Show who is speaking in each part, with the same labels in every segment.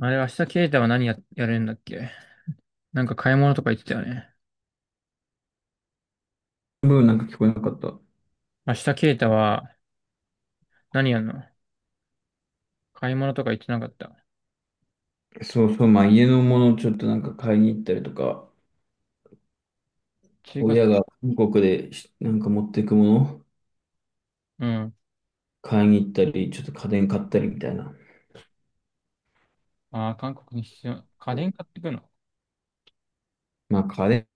Speaker 1: あれ、明日ケイタはやるんだっけ。なんか買い物とか言ってたよね。
Speaker 2: ブーなんか聞こえなかった。
Speaker 1: 明日ケイタは何やるの？買い物とか言ってなかった？
Speaker 2: そうそう、まあ家のものをちょっとなんか買いに行ったりとか、
Speaker 1: 中華、
Speaker 2: 親が韓国でしなんか持っていくもの
Speaker 1: うん。
Speaker 2: 買いに行ったり、ちょっと家電買ったりみたいな。
Speaker 1: ああ、韓国に必要？家電買ってくの？
Speaker 2: まあ家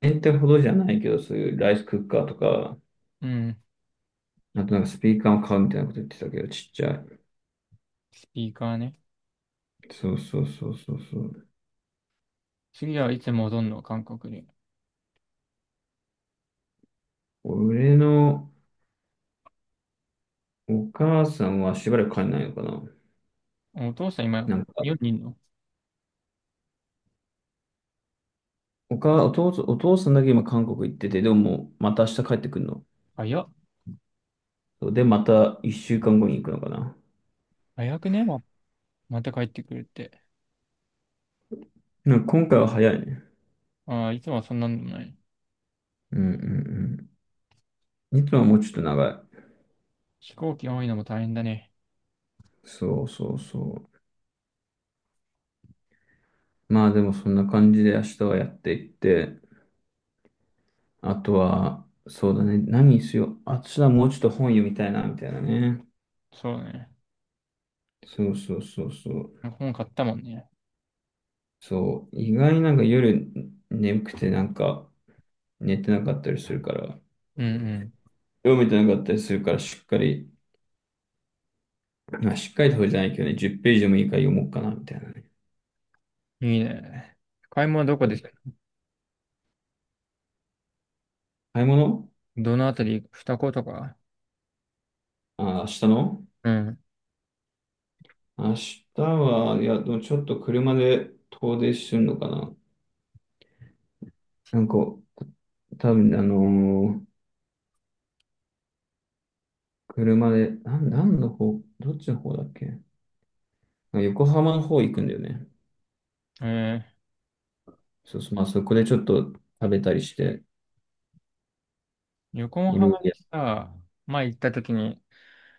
Speaker 2: 電ってほどじゃないけど、そういうライスクッカーとか、
Speaker 1: うん。
Speaker 2: あとなんかスピーカーを買うみたいなこと言ってたけど、ちっちゃい。
Speaker 1: スピーカーね。
Speaker 2: そうそうそうそうそう。
Speaker 1: 次はいつ戻んの、韓国に？
Speaker 2: 俺のお母さんはしばらく帰んないのかな。
Speaker 1: お父さん今、
Speaker 2: なん
Speaker 1: 日
Speaker 2: か、
Speaker 1: 本にいんの？
Speaker 2: お母、お父さん、お父さんだけ今韓国行ってて、でももうまた明日帰ってくるの。
Speaker 1: 早っ。
Speaker 2: そうで、また一週間後に行くのかな。
Speaker 1: 早くね？また帰ってくるって。
Speaker 2: なんか今回は早いね。
Speaker 1: ああ、いつもはそんなんでもない。
Speaker 2: うんうんうん。いつもはもうちょっと長い。
Speaker 1: 飛行機多いのも大変だね。
Speaker 2: そうそうそう。まあでもそんな感じで明日はやっていって、あとは、そうだね。何にしよう。あ、私はもうちょっと本読みたいな、みたいなね。
Speaker 1: そうだね。
Speaker 2: そうそうそうそう。
Speaker 1: 本買ったもんね。
Speaker 2: そう。意外になんか夜眠くてなんか寝てなかったりするから、
Speaker 1: うん
Speaker 2: 読めてなかったりするから、しっかり、まあしっかりとじゃないけどね、10ページでもいいから読もうかな、みたいなね。
Speaker 1: うん。いいね。買い物どこ
Speaker 2: そ
Speaker 1: で
Speaker 2: う、
Speaker 1: した？
Speaker 2: 買い物、
Speaker 1: どのあたり、二子とか？
Speaker 2: あ、明日の。
Speaker 1: うん。
Speaker 2: 明日は、いや、でもちょっと車で遠出するのかな。なんか、多分車で、なん、何の方、どっちの方だっけ。あ、横浜の方行くんだよね。
Speaker 1: え
Speaker 2: そうそう、まあそこでちょっと食べたりして、
Speaker 1: 横
Speaker 2: いろいろ
Speaker 1: 浜に
Speaker 2: や、
Speaker 1: さ、前行った時に、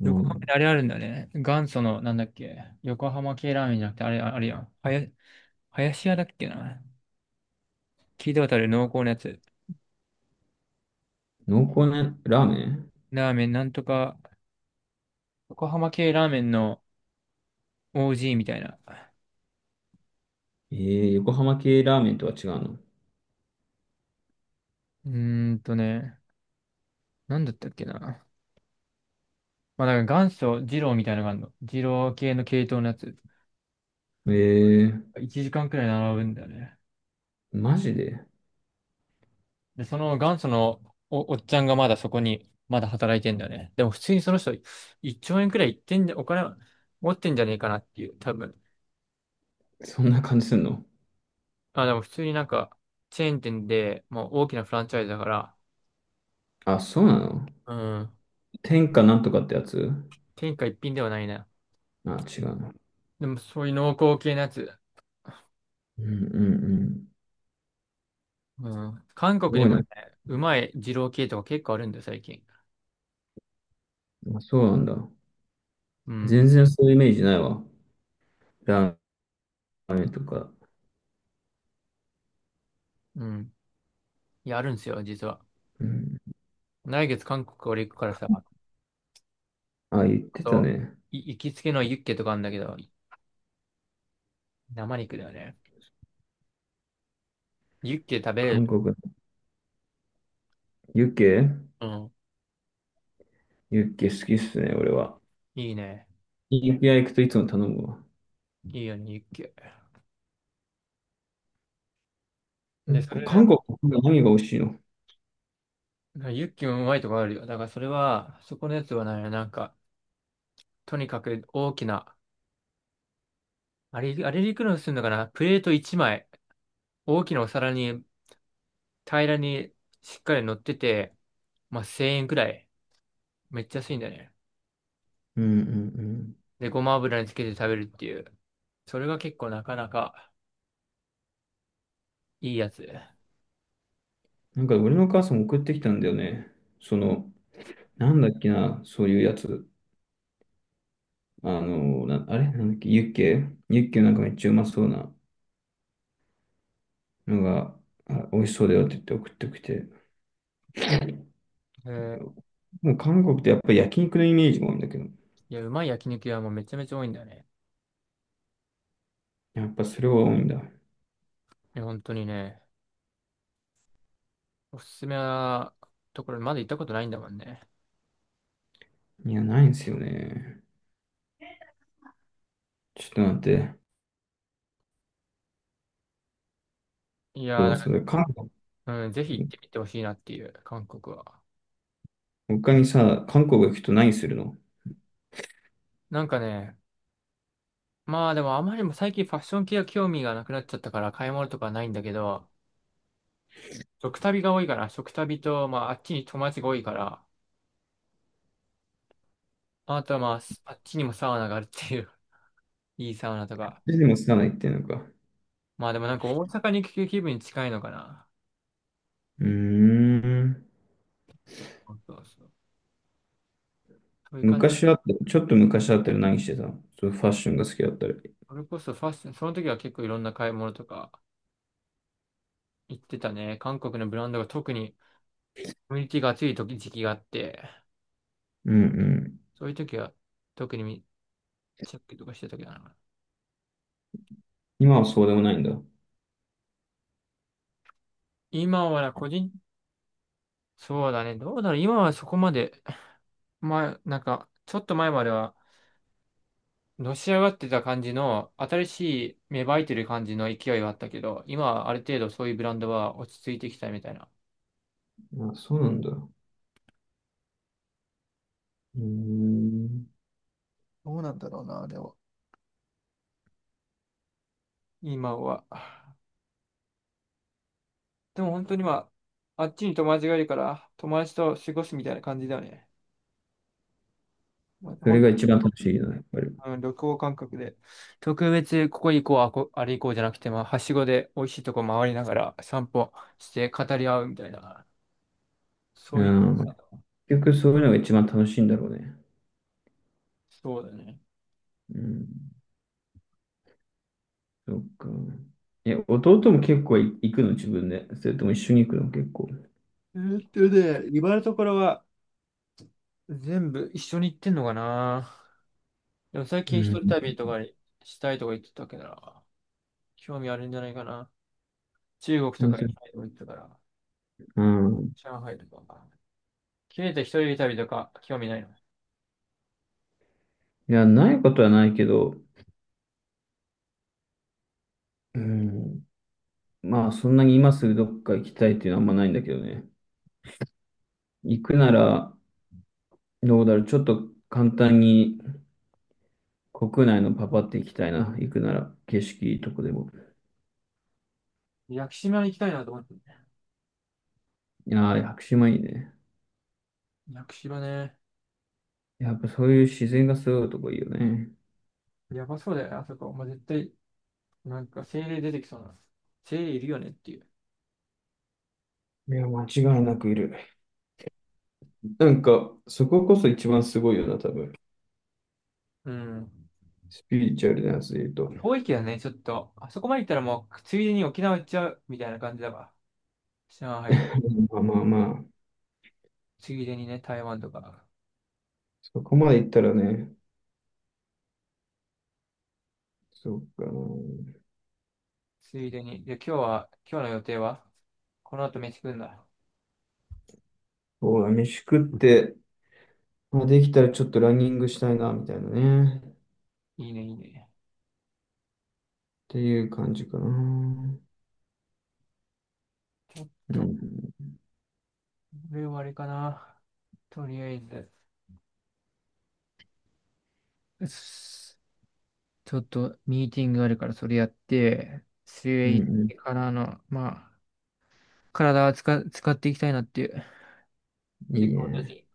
Speaker 2: う
Speaker 1: 横浜で
Speaker 2: ん。
Speaker 1: あれあるんだよね。元祖の、なんだっけ、横浜系ラーメンじゃなくて、あれ、あれやん。林屋だっけな。聞いたことある濃厚なやつ。
Speaker 2: 濃厚なラーメン。
Speaker 1: ラーメン、なんとか、横浜系ラーメンの OG みたいな。
Speaker 2: えー、横浜系ラーメンとは違うの？
Speaker 1: うーんとね、なんだったっけな。まあ、だから元祖二郎みたいなのがあるの。二郎系の系統のやつ。
Speaker 2: えー、
Speaker 1: 1時間くらい並ぶんだよね。
Speaker 2: マジで？
Speaker 1: で、その元祖のおっちゃんがまだそこに、まだ働いてんだよね。でも普通にその人、1兆円くらいいってんじゃ、お金持ってんじゃねえかなっていう、多分。
Speaker 2: そんな感じすんの？
Speaker 1: あ、でも普通になんか、チェーン店で、もう大きなフランチャイズだから、
Speaker 2: あ、そうなの？
Speaker 1: うん、
Speaker 2: 天下なんとかってやつ？
Speaker 1: 天下一品ではないな。
Speaker 2: あ、違うの？
Speaker 1: でもそういう濃厚系のやつ、
Speaker 2: うんうん、
Speaker 1: うん、韓
Speaker 2: す
Speaker 1: 国に
Speaker 2: ごい
Speaker 1: もね、
Speaker 2: ね。
Speaker 1: うまい二郎系とか結構あるんだよ、最近。
Speaker 2: あ、そうなんだ。
Speaker 1: うん、
Speaker 2: 全然そういうイメージないわ。ラーメンとか。
Speaker 1: うん。いや、あるんですよ、実は。
Speaker 2: うん。
Speaker 1: 来月韓国俺行くからさ、
Speaker 2: あ、言ってた
Speaker 1: そう、
Speaker 2: ね。
Speaker 1: 行きつけのユッケとかあるんだけど、生肉だよね。ユッケ食べれ
Speaker 2: 韓
Speaker 1: る？
Speaker 2: 国。ユッケ、
Speaker 1: うん。
Speaker 2: ユッケ好きっすね、俺は。
Speaker 1: いいね。
Speaker 2: ユッケ屋行くといつも頼むわ。
Speaker 1: いいよね、ユッケ。
Speaker 2: 結
Speaker 1: で、そ
Speaker 2: 構、
Speaker 1: れら、
Speaker 2: 韓国の何が美味しいの？
Speaker 1: ユッケもうまいとこあるよ。だからそれは、そこのやつはね、なんか、とにかく大きな、あれ、あれでいくらするのかな、プレート1枚、大きなお皿に平らにしっかり乗ってて、まあ、1000円くらい。めっちゃ安いんだよね。
Speaker 2: うんうんうん。
Speaker 1: で、ごま油につけて食べるっていう。それが結構なかなかいいやつ。
Speaker 2: なんか俺のお母さん送ってきたんだよね。その、なんだっけな、そういうやつ。あの、な、あれなんだっけ、ユッケ、ユッケなんかめっちゃうまそうなのが、あ、美味しそうだよって言って送ってきて。
Speaker 1: ー
Speaker 2: もう韓国ってやっぱり焼肉のイメージもあるんだけど、
Speaker 1: いや、うまい焼肉屋もめちゃめちゃ多いんだよね。
Speaker 2: やっぱそれは多いんだ。
Speaker 1: いや本当にね。おすすめなところまだ行ったことないんだもんね。
Speaker 2: いや、ないんですよね。ちょっと待って。
Speaker 1: いやー、
Speaker 2: そう、
Speaker 1: だ
Speaker 2: そ
Speaker 1: か
Speaker 2: れ、韓国、
Speaker 1: らうん、ぜひ行ってみてほしいなっていう、韓国は。
Speaker 2: 他にさ、韓国行くと何するの？
Speaker 1: なんかね、まあでもあまりにも最近ファッション系は興味がなくなっちゃったから買い物とかはないんだけど、食旅が多いかな。食旅と、まああっちに友達が多いから、あとはまああっちにもサウナがあるっていう、いいサウナとか。
Speaker 2: でもつかないっていうのか。
Speaker 1: まあでもなんか大阪に行く気分に近いのかな。
Speaker 2: うーん。
Speaker 1: そうそうそう。そういう感じ。
Speaker 2: 昔あった、ちょっと昔あったら何してたの？そう、ファッションが好きだったり。
Speaker 1: それこそファッション、その時は結構いろんな買い物とか行ってたね。韓国のブランドが特にコミュニティが熱い時期があって、
Speaker 2: うんうん。
Speaker 1: そういう時は特にチェックとかしてたけどな。
Speaker 2: 今はそうでもないんだ。
Speaker 1: 今はな個人、そうだね、どうだろう、今はそこまで、まあ、なんか、ちょっと前までは、のし上がってた感じの、新しい芽生えてる感じの勢いはあったけど、今はある程度そういうブランドは落ち着いてきたみたいな。
Speaker 2: あ、そうなんだ。うーん。
Speaker 1: どうなんだろうな、でも。今は。でも本当にまあ、あっちに友達がいるから、友達と過ごすみたいな感じだよね。まあ、
Speaker 2: それが一番楽しいよね、やっぱり。
Speaker 1: うん、旅行感覚で。特別、ここ行こう、あれ行こうじゃなくて、まあ、はしごで美味しいとこ回りながら散歩して語り合うみたいな。そ
Speaker 2: う
Speaker 1: うい
Speaker 2: ん。
Speaker 1: う、
Speaker 2: 結局そういうのが一番楽しいんだろうね。
Speaker 1: そうだね。
Speaker 2: うん。そっか。え、弟も結構い行くの自分で？それとも一緒に行くの結構？
Speaker 1: えーっとね、今のところは全部一緒に行ってんのかな。でも最
Speaker 2: う
Speaker 1: 近一人
Speaker 2: ん。
Speaker 1: 旅とかにしたいとか言ってたけどな、興味あるんじゃないかな。中国と
Speaker 2: う
Speaker 1: か行き
Speaker 2: ん
Speaker 1: たいとか言ってたから、
Speaker 2: うん、
Speaker 1: 上海とか。切れた一人旅とか興味ないの？
Speaker 2: いや、ないことはないけど、うん、まあ、そんなに今すぐどっか行きたいっていうのはあんまないんだけどね。行くなら、どうだろう。ちょっと簡単に国内のパパって行きたいな。行くなら、景色いいとこでも。
Speaker 1: 屋久島に行きたいなと思って。
Speaker 2: いやー、屋久島いいね。
Speaker 1: 屋久島ね。
Speaker 2: やっぱそういう自然がすごいとこいいよね。
Speaker 1: やばそうだよね、あそこ。まあ、絶対なんか精霊出てきそうな。精霊いるよねっていう。
Speaker 2: いや、間違いなくいる。なんか、そここそ一番すごいよな、多分。
Speaker 1: うん。
Speaker 2: スピリチュアルなやつで言うと。
Speaker 1: 遠いけどね、ちょっと。あそこまで行ったらもう、ついでに沖縄行っちゃうみたいな感じだわ。上海とか。
Speaker 2: まあまあまあ、
Speaker 1: ついでにね、台湾とか。
Speaker 2: そこまで言ったらね、そうかな。
Speaker 1: ついでに。で、今日は、今日の予定はこの後飯食うんだ。
Speaker 2: そうだ、飯食って、まあ、できたらちょっとランニングしたいな、みたいなね。っ
Speaker 1: いいね、いいね。
Speaker 2: ていう感じかな。
Speaker 1: ちょっ
Speaker 2: う
Speaker 1: と、
Speaker 2: ん、
Speaker 1: これはあれかな。とりあえず。うっす、ちょっと、ミーティングがあるから、それやって、水
Speaker 2: う
Speaker 1: 泳行っ
Speaker 2: ん、う
Speaker 1: てからの、まあ、体は使っていきたいなっていう。
Speaker 2: ん。いい
Speaker 1: 結構
Speaker 2: ね。
Speaker 1: 私、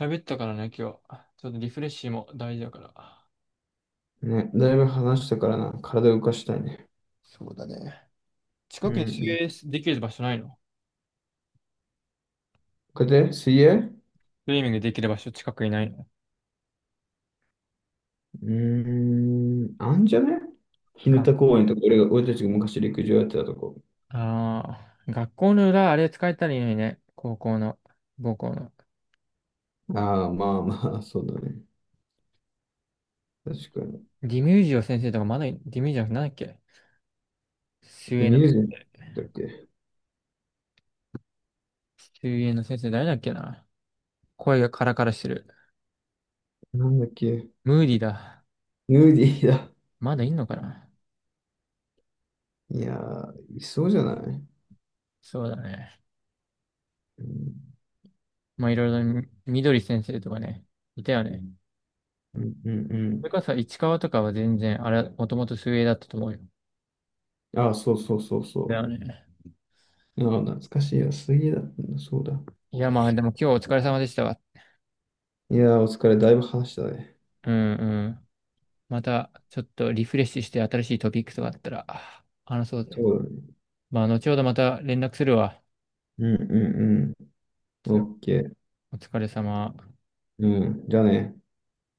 Speaker 1: 喋ったからね、今日。ちょっとリフレッシュも大事だから。
Speaker 2: ね、だいぶ話したからな、体を動かしたいね。
Speaker 1: そうだね。
Speaker 2: う
Speaker 1: 近
Speaker 2: ん、
Speaker 1: くに
Speaker 2: う
Speaker 1: 水
Speaker 2: ん。
Speaker 1: 泳できる場所ないの？
Speaker 2: これで、水泳。
Speaker 1: スイミングできる場所近くにないの？
Speaker 2: うーん、あんじゃね、日向
Speaker 1: が、
Speaker 2: 公園とか、俺が、俺たちが昔陸上やってたとこ。
Speaker 1: ああ、学校の裏、あれ使えたらいいのにね。高校の、母校の。
Speaker 2: ああ、まあまあ、そうだね。確かに。
Speaker 1: ディミュージオ先生とかまだい、ディミュージオな、なんだっけ、水
Speaker 2: で、
Speaker 1: 泳の、
Speaker 2: ミュージッだっけ、
Speaker 1: 水泳の、先生誰だっけな。声がカラカラしてる。
Speaker 2: なんだっけ、
Speaker 1: ムーディだ。
Speaker 2: ヌーディーだ。
Speaker 1: まだいんのかな？
Speaker 2: いやー、いそうじゃない、
Speaker 1: そうだね。
Speaker 2: うん、
Speaker 1: まあいろいろ、みどり先生とかね、いたよね。
Speaker 2: うん、うん。う
Speaker 1: それ
Speaker 2: ん、
Speaker 1: こそ市川とかは全然、あれ、もともと水泳だったと思うよ。
Speaker 2: あ、そうそうそう
Speaker 1: だ
Speaker 2: そ
Speaker 1: よね。
Speaker 2: う。あ、懐かしいよ。水泳だったんだ。そうだ。
Speaker 1: いや、まあ、でも今日お疲れ様でしたわ。
Speaker 2: いやー、お疲れ。だいぶ話したね。
Speaker 1: うんうん。また、ちょっとリフレッシュして新しいトピックとかあったら、話そうぜ。
Speaker 2: そうだね。
Speaker 1: まあ、後ほどまた連絡するわ。
Speaker 2: うん、うん、うん。
Speaker 1: じゃあ
Speaker 2: オッケー。
Speaker 1: お疲れ様。
Speaker 2: うん。じゃあね。